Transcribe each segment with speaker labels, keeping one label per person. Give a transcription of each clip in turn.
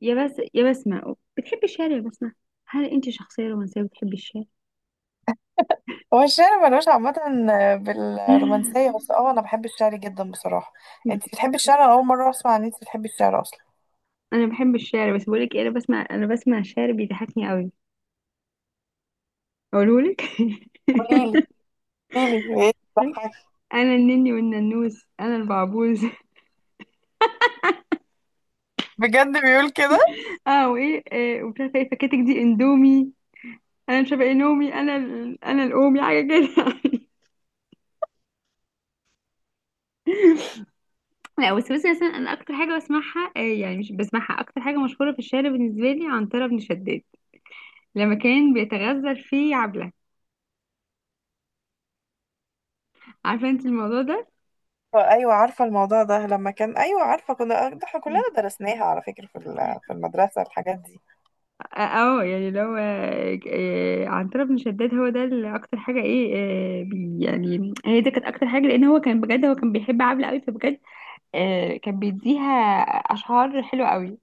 Speaker 1: يا بس يا بسمة، بتحبي الشعر يا بسمة؟ هل انت شخصية رومانسية بتحبي الشعر؟
Speaker 2: هو الشعر ملوش عامة بالرومانسية، بس اه أنا بحب الشعر جدا بصراحة. انت بتحبي الشعر؟ أنا أول مرة أسمع إن انت بتحبي الشعر أصلا.
Speaker 1: انا بحب الشعر، بس بقولك ايه، انا بسمع الشعر بيضحكني قوي. اقولهولك.
Speaker 2: قوليلي، قوليلي ايه بتضحك.
Speaker 1: انا النني والننوس انا البعبوز.
Speaker 2: بجد بيقول كده؟
Speaker 1: اه، وايه؟ ومش عارفه ايه فكاتك دي اندومي. انا مش عارفه ايه نومي. انا الامي حاجه كده. لا، بس مثلا انا اكتر حاجه بسمعها، يعني مش بسمعها. اكتر حاجه مشهوره في الشعر بالنسبه لي، عنتره بن شداد لما كان بيتغزل في عبله. عارفه انت الموضوع ده؟
Speaker 2: أيوة عارفة الموضوع ده، لما كان، أيوة عارفة، كنا ده احنا كلنا درسناها على فكرة في المدرسة الحاجات دي.
Speaker 1: اه، يعني لو عنترة بن شداد هو ده اللي اكتر حاجه ايه. آه، بي يعني هي دي كانت اكتر حاجه، لان هو كان بجد هو كان بيحب عبله قوي، فبجد كان بيديها اشعار حلوه قوي.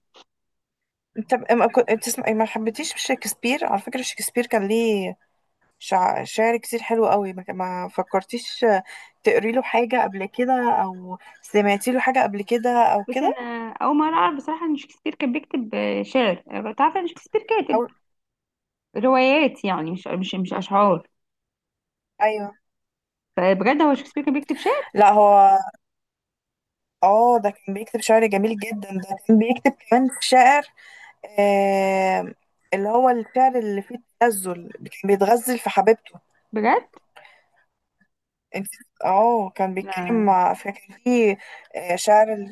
Speaker 2: ما كنت بتسمعي، ما حبيتيش شكسبير؟ على فكرة شكسبير كان ليه شعر كتير حلو قوي، ما فكرتيش تقري له حاجة قبل كده، أو سمعتي له حاجة قبل كده أو
Speaker 1: بس
Speaker 2: كده؟
Speaker 1: انا اول مره اعرف بصراحه ان شكسبير كان بيكتب شعر. أنا كنت عارفه ان شكسبير كاتب
Speaker 2: أو
Speaker 1: روايات، يعني مش اشعار.
Speaker 2: أيوة.
Speaker 1: فبجد هو شكسبير كان بيكتب شعر؟
Speaker 2: لا هو اه، ده كان بيكتب شعر جميل جدا. ده كان بيكتب كمان شعر آه، اللي هو الشعر اللي فيه التنزل، كان بيتغزل في حبيبته.
Speaker 1: بجد؟
Speaker 2: انت، اه كان
Speaker 1: لا،
Speaker 2: بيتكلم مع، فكان فيه شعر.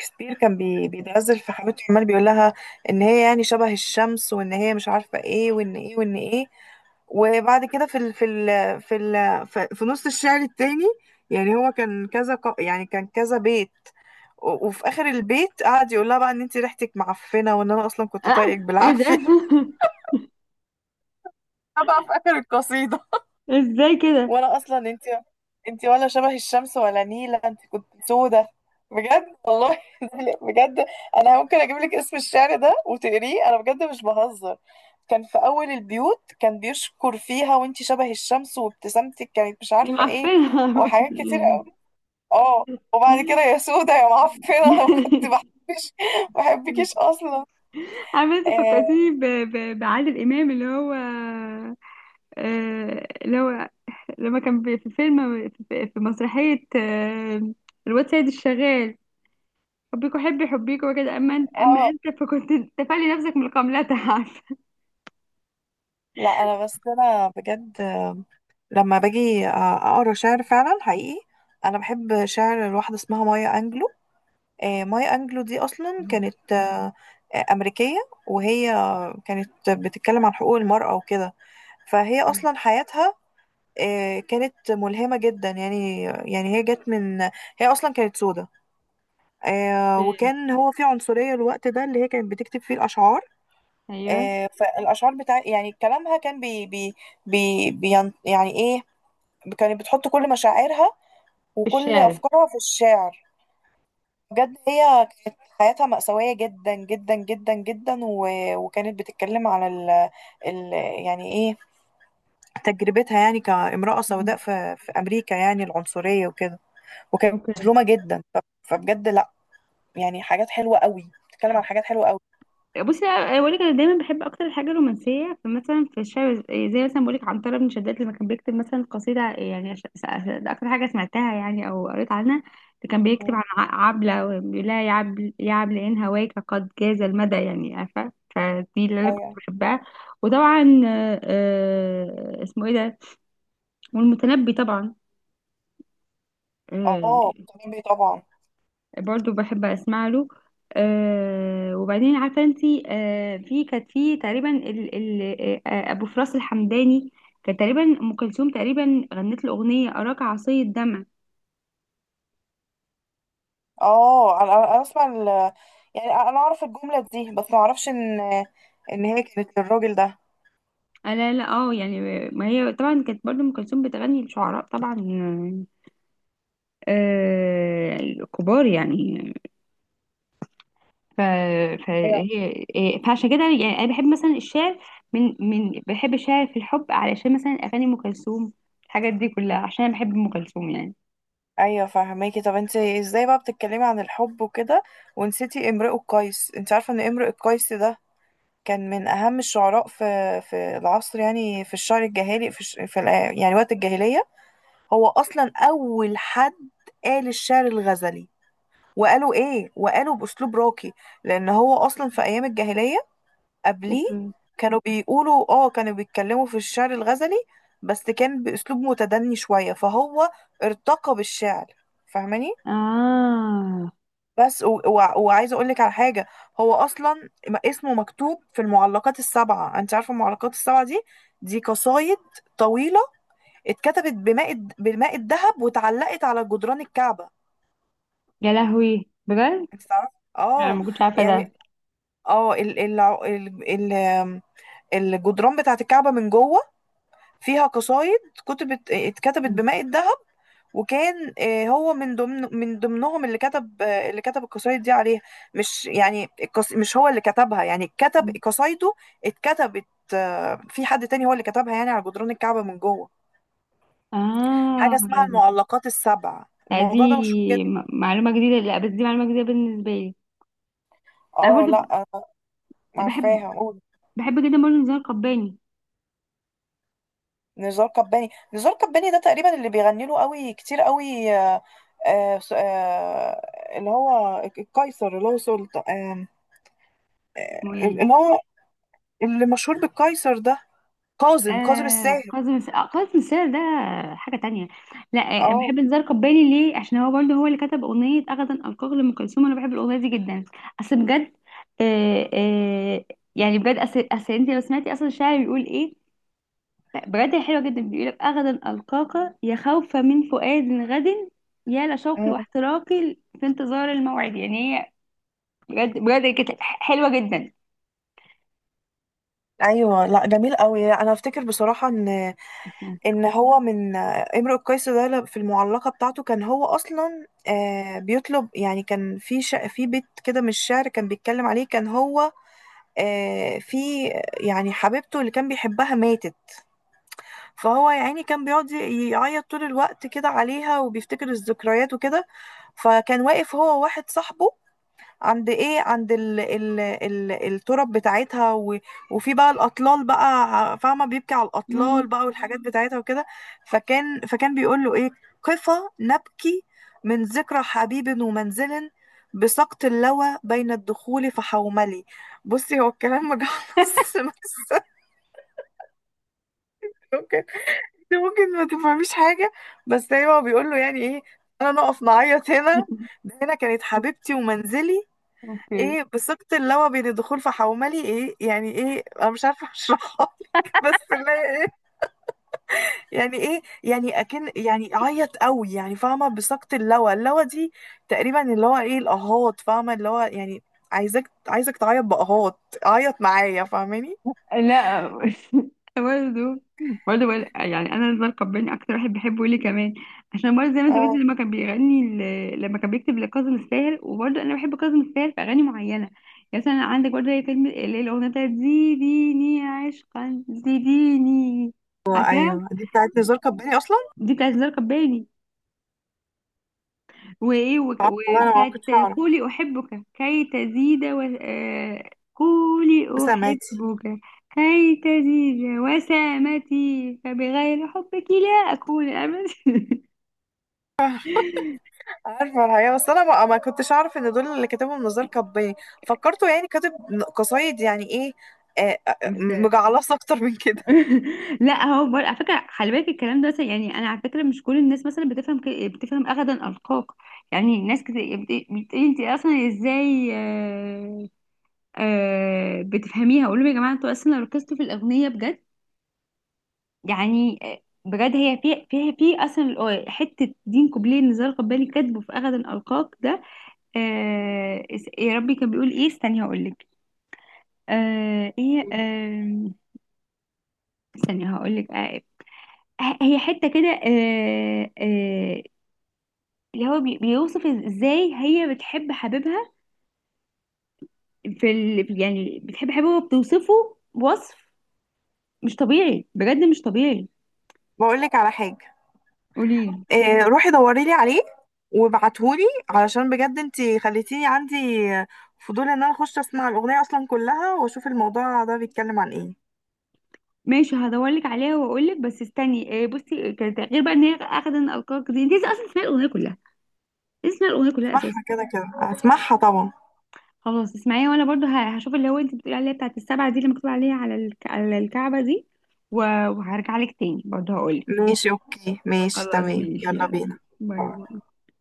Speaker 2: شكسبير كان بيتغزل في حبيبته، عمال بيقول لها ان هي يعني شبه الشمس، وان هي مش عارفة ايه، وان ايه وان ايه. وبعد كده في نص الشعر التاني، يعني هو كان كذا يعني كان كذا بيت، وفي اخر البيت قعد يقول لها بقى ان انت ريحتك معفنه، وان انا اصلا كنت
Speaker 1: اه،
Speaker 2: طايقك
Speaker 1: ايه ده؟
Speaker 2: بالعافيه. أنا بقى في اخر القصيده،
Speaker 1: ازاي كده؟
Speaker 2: وانا اصلا، انت، انت ولا شبه الشمس ولا نيله، انت كنت سودة. بجد والله. بجد، انا ممكن اجيب لك اسم الشعر ده وتقريه، انا بجد مش بهزر. كان في اول البيوت كان بيشكر فيها، وانت شبه الشمس وابتسامتك كانت مش
Speaker 1: دي
Speaker 2: عارفه ايه،
Speaker 1: معفنه!
Speaker 2: وحاجات كتير قوي. اه، وبعد كده يا سودة يا معفنه. انا ما كنت بحبش. ما بحبكيش اصلا.
Speaker 1: عارفه انت
Speaker 2: آه.
Speaker 1: فكرتيني بعادل امام، اللي هو اللي هو لما كان في فيلم في مسرحيه، الواد سيد الشغال. حبيكوا، حبيكوا وكده. اما انت اما
Speaker 2: اه
Speaker 1: انت فكنت تفلي نفسك من القملة. عارفه؟
Speaker 2: لا انا بس انا بجد، لما باجي اقرا شعر فعلا حقيقي، انا بحب شعر لواحده اسمها مايا انجلو. مايا انجلو دي اصلا
Speaker 1: مم.
Speaker 2: كانت امريكيه، وهي كانت بتتكلم عن حقوق المراه وكده. فهي اصلا حياتها كانت ملهمه جدا، يعني هي جت من، هي اصلا كانت سودة، وكان هو في عنصريه الوقت ده اللي هي كانت بتكتب فيه الاشعار.
Speaker 1: ايوه،
Speaker 2: فالاشعار بتاع يعني كلامها كان بي بين يعني ايه، كانت بتحط كل مشاعرها
Speaker 1: في
Speaker 2: وكل
Speaker 1: الشارع.
Speaker 2: افكارها في الشعر. بجد هي كانت حياتها مأساوية جدا جدا جدا جدا، و... وكانت بتتكلم على ال... يعني ايه، تجربتها يعني كامرأة سوداء
Speaker 1: مم.
Speaker 2: في... في أمريكا، يعني العنصرية وكده. وكانت
Speaker 1: اوكي.
Speaker 2: مظلومة جدا، ف... فبجد لا، يعني حاجات حلوة قوي، بتتكلم عن حاجات حلوة قوي.
Speaker 1: بصي، أنا بقولك، انا دايما بحب اكتر الحاجه الرومانسيه. فمثلا في الشعر، زي مثلا بقولك عنتره بن شداد لما كان بيكتب مثلا قصيده، يعني ده اكتر حاجه سمعتها يعني، او قريت عنها. ده كان بيكتب
Speaker 2: مم.
Speaker 1: عن عبله، وبيقول لها: يا عبل يا عبل، ان هواك قد جاز المدى. يعني عارفه؟ فدي اللي انا كنت
Speaker 2: ايوه،
Speaker 1: بحبها. وطبعا اسمه ايه ده، والمتنبي طبعا.
Speaker 2: اه
Speaker 1: آه،
Speaker 2: بتعمل بيه طبعا.
Speaker 1: برضو بحب اسمع له. وبعدين عارفه انتي، في كانت في تقريبا ال ابو فراس الحمداني. كان تقريبا ام كلثوم تقريبا غنت له اغنيه اراك عصي الدمع.
Speaker 2: اه انا انا أنا اسمع ال... يعني انا اعرف الجملة دي، بس ما اعرفش ان ان هي كانت للراجل ده.
Speaker 1: لا، لا، اه يعني. ما هي طبعا كانت برضو ام كلثوم بتغني لشعراء طبعا، كبار يعني. ف
Speaker 2: أيوة.
Speaker 1: فهي إيه، فعشان كده يعني انا بحب مثلا الشعر. من بحب الشعر في الحب، علشان مثلا اغاني ام كلثوم، الحاجات دي كلها، عشان انا بحب ام كلثوم يعني.
Speaker 2: ايوه فهماكي. طب انت ازاي بقى بتتكلمي عن الحب وكده ونسيتي امرؤ القيس؟ انت عارفة ان امرؤ القيس ده كان من اهم الشعراء في في العصر، يعني في الشعر الجاهلي، في, الش... في ال... يعني وقت الجاهلية. هو اصلا اول حد قال الشعر الغزلي، وقالوا ايه، وقالوا باسلوب راقي. لان هو اصلا في ايام الجاهلية قبليه
Speaker 1: اوكي.
Speaker 2: كانوا بيقولوا اه، كانوا بيتكلموا في الشعر الغزلي، بس كان بأسلوب متدني شوية، فهو ارتقى بالشعر، فاهماني؟
Speaker 1: اه
Speaker 2: بس وعايزة أقولك على حاجة. هو أصلا اسمه مكتوب في المعلقات السبعة. أنت عارفة المعلقات السبعة دي؟ دي قصايد طويلة اتكتبت بالماء الذهب، واتعلقت على جدران الكعبة.
Speaker 1: يا لهوي، بجد؟
Speaker 2: أنت تعرفي؟
Speaker 1: لا،
Speaker 2: اه،
Speaker 1: ما كنتش عارفه
Speaker 2: يعني
Speaker 1: ده.
Speaker 2: اه الجدران بتاعت الكعبة من جوه فيها قصايد كتبت، اتكتبت بماء الذهب. وكان هو من ضمن من ضمنهم اللي كتب، اللي كتب القصايد دي عليها. مش يعني مش هو اللي كتبها، يعني كتب قصايده، اتكتبت في حد تاني هو اللي كتبها يعني على جدران الكعبة من جوه.
Speaker 1: اه،
Speaker 2: حاجة اسمها المعلقات السبع.
Speaker 1: لا دي
Speaker 2: الموضوع ده مشهور جدا.
Speaker 1: معلومه جديده. لا بس دي معلومه جديده بالنسبه لي. انا
Speaker 2: اه لا
Speaker 1: برضه
Speaker 2: أنا،
Speaker 1: ب- بحب
Speaker 2: عارفاها؟ قول.
Speaker 1: بحب جدا برضه نزار قباني.
Speaker 2: نزار قباني؟ نزار قباني ده تقريبا اللي بيغني له قوي كتير قوي اللي هو القيصر اللي هو سلطان،
Speaker 1: اسمه ايه؟
Speaker 2: اللي هو اللي مشهور بالقيصر ده، كاظم الساهر.
Speaker 1: كاظم الساهر ده حاجه تانية. لا بحب
Speaker 2: اه.
Speaker 1: نزار قباني ليه؟ عشان هو برضه هو اللي كتب اغنيه اغدا القاك لام كلثوم. انا بحب الاغنيه دي جدا. اصل بجد، آه آه يعني بجد اصل انت لو سمعتي اصلا الشاعر بيقول ايه. لا بجد، هي حلوة جدا. بيقولك: أغدا ألقاك، يا خوفا من فؤاد غد، يا لشوقي
Speaker 2: مم.
Speaker 1: واحتراقي في انتظار الموعد. يعني هي بجد بجد كانت حلوة جدا.
Speaker 2: ايوه لا جميل قوي. انا افتكر بصراحه ان ان هو من امرؤ القيس ده، في المعلقه بتاعته كان هو اصلا بيطلب يعني، كان في في بيت كده من الشعر كان بيتكلم عليه، كان هو في، يعني حبيبته اللي كان بيحبها ماتت، فهو يا عيني كان بيقعد، يعيط طول الوقت كده عليها، وبيفتكر الذكريات وكده. فكان واقف هو وواحد صاحبه عند ايه، عند ال التراب بتاعتها، و... وفي بقى الاطلال بقى، فاهمه، بيبكي على
Speaker 1: مم.
Speaker 2: الاطلال بقى والحاجات بتاعتها وكده. فكان بيقول له ايه، قفا نبكي من ذكرى حبيب ومنزل، بسقط اللوى بين الدخول فحوملي. بصي هو الكلام مجعلص بس، ممكن، ممكن ما تفهميش حاجه، بس ايوه هو بيقول له يعني ايه، انا نقف نعيط هنا، ده هنا كانت حبيبتي ومنزلي.
Speaker 1: اوكي.
Speaker 2: ايه بثقة اللوى بين الدخول في حوملي، ايه يعني ايه، انا مش عارفة اشرحها لك بس اللي هي ايه يعني ايه، يعني اكن يعني عيط قوي يعني، فاهمة؟ بثقة اللوى، اللوى دي تقريبا اللي هو ايه الاهات، فاهمة اللي هو يعني، عايزك عايزك تعيط باهات، عيط معايا، فاهماني؟
Speaker 1: لا. برضه برضه يعني انا رضا القباني اكتر واحد بحبه ليه كمان. عشان برضه زي ما انت قلت،
Speaker 2: اه
Speaker 1: لما كان لما كان بيكتب لكاظم الساهر. وبرضه انا بحب كاظم الساهر في اغاني معينه. يعني مثلا عندك برضه زي فيلم اللي هي الاغنيه بتاعت زيديني عشقا زيديني. عارفاها؟
Speaker 2: ايوه دي بتاعت نزار قباني اصلا.
Speaker 1: دي بتاعت رضا القباني. وايه،
Speaker 2: والله انا ما كنتش
Speaker 1: وبتاعت
Speaker 2: اعرف.
Speaker 1: قولي احبك كي تزيد و... آه، قولي
Speaker 2: سمعتي؟
Speaker 1: احبك كي تزيد وسامتي، فبغير حبك لا اكون ابدا.
Speaker 2: عارفة الحقيقة بس أنا ما كنتش أعرف إن دول اللي كاتبهم نزار قباني. فكرته يعني كاتب قصايد يعني إيه
Speaker 1: ف-
Speaker 2: مجعلصة أكتر من كده.
Speaker 1: لا، هو على فكره خلي بالك الكلام ده مثلا، يعني انا على فكره مش كل الناس مثلا بتفهم اغدا القاك. يعني ناس كتير بتقولي انت اصلا ازاي بتفهميها. اقول لهم: يا جماعه انتوا اصلا لو ركزتوا في الاغنيه بجد. يعني بجد هي فيها اصلا حته دين كوبليه اللي زال قبالي كاتبه في اغد القاك ده. يا ربي، كان بيقول ايه؟ استني هقول لك. آه ايه آه استني هقول لك. هي حته كده، اللي هو بيوصف ازاي هي بتحب حبيبها. يعني بتحب حبيبها وبتوصفه وصف مش طبيعي، بجد مش طبيعي.
Speaker 2: بقول لك على حاجة.
Speaker 1: قوليلي.
Speaker 2: روحي دوري لي عليه وابعتهولي، علشان بجد انتي خليتيني عندي فضول إن أنا أخش أسمع الأغنية أصلا كلها، وأشوف الموضوع ده بيتكلم عن إيه.
Speaker 1: ماشي، هدورلك عليها واقولك. بس استني إيه؟ بصي، غير بقى ان هي اخدة ان القاك دي، انت لسه اصلا اسمعي الاغنيه كلها، لسه اسمعي الاغنيه كلها اساسا.
Speaker 2: أسمعها كده كده، أسمعها طبعا.
Speaker 1: خلاص اسمعيها، وانا برضو هشوف اللي هو انت بتقولي عليها بتاعت السبعه دي اللي مكتوب عليها على على الكعبه دي. و- وهرجع لك تاني برضو هقولك.
Speaker 2: ماشي أوكي، ماشي
Speaker 1: خلاص
Speaker 2: تمام،
Speaker 1: ماشي،
Speaker 2: يلا
Speaker 1: يلا
Speaker 2: بينا.
Speaker 1: باي باي.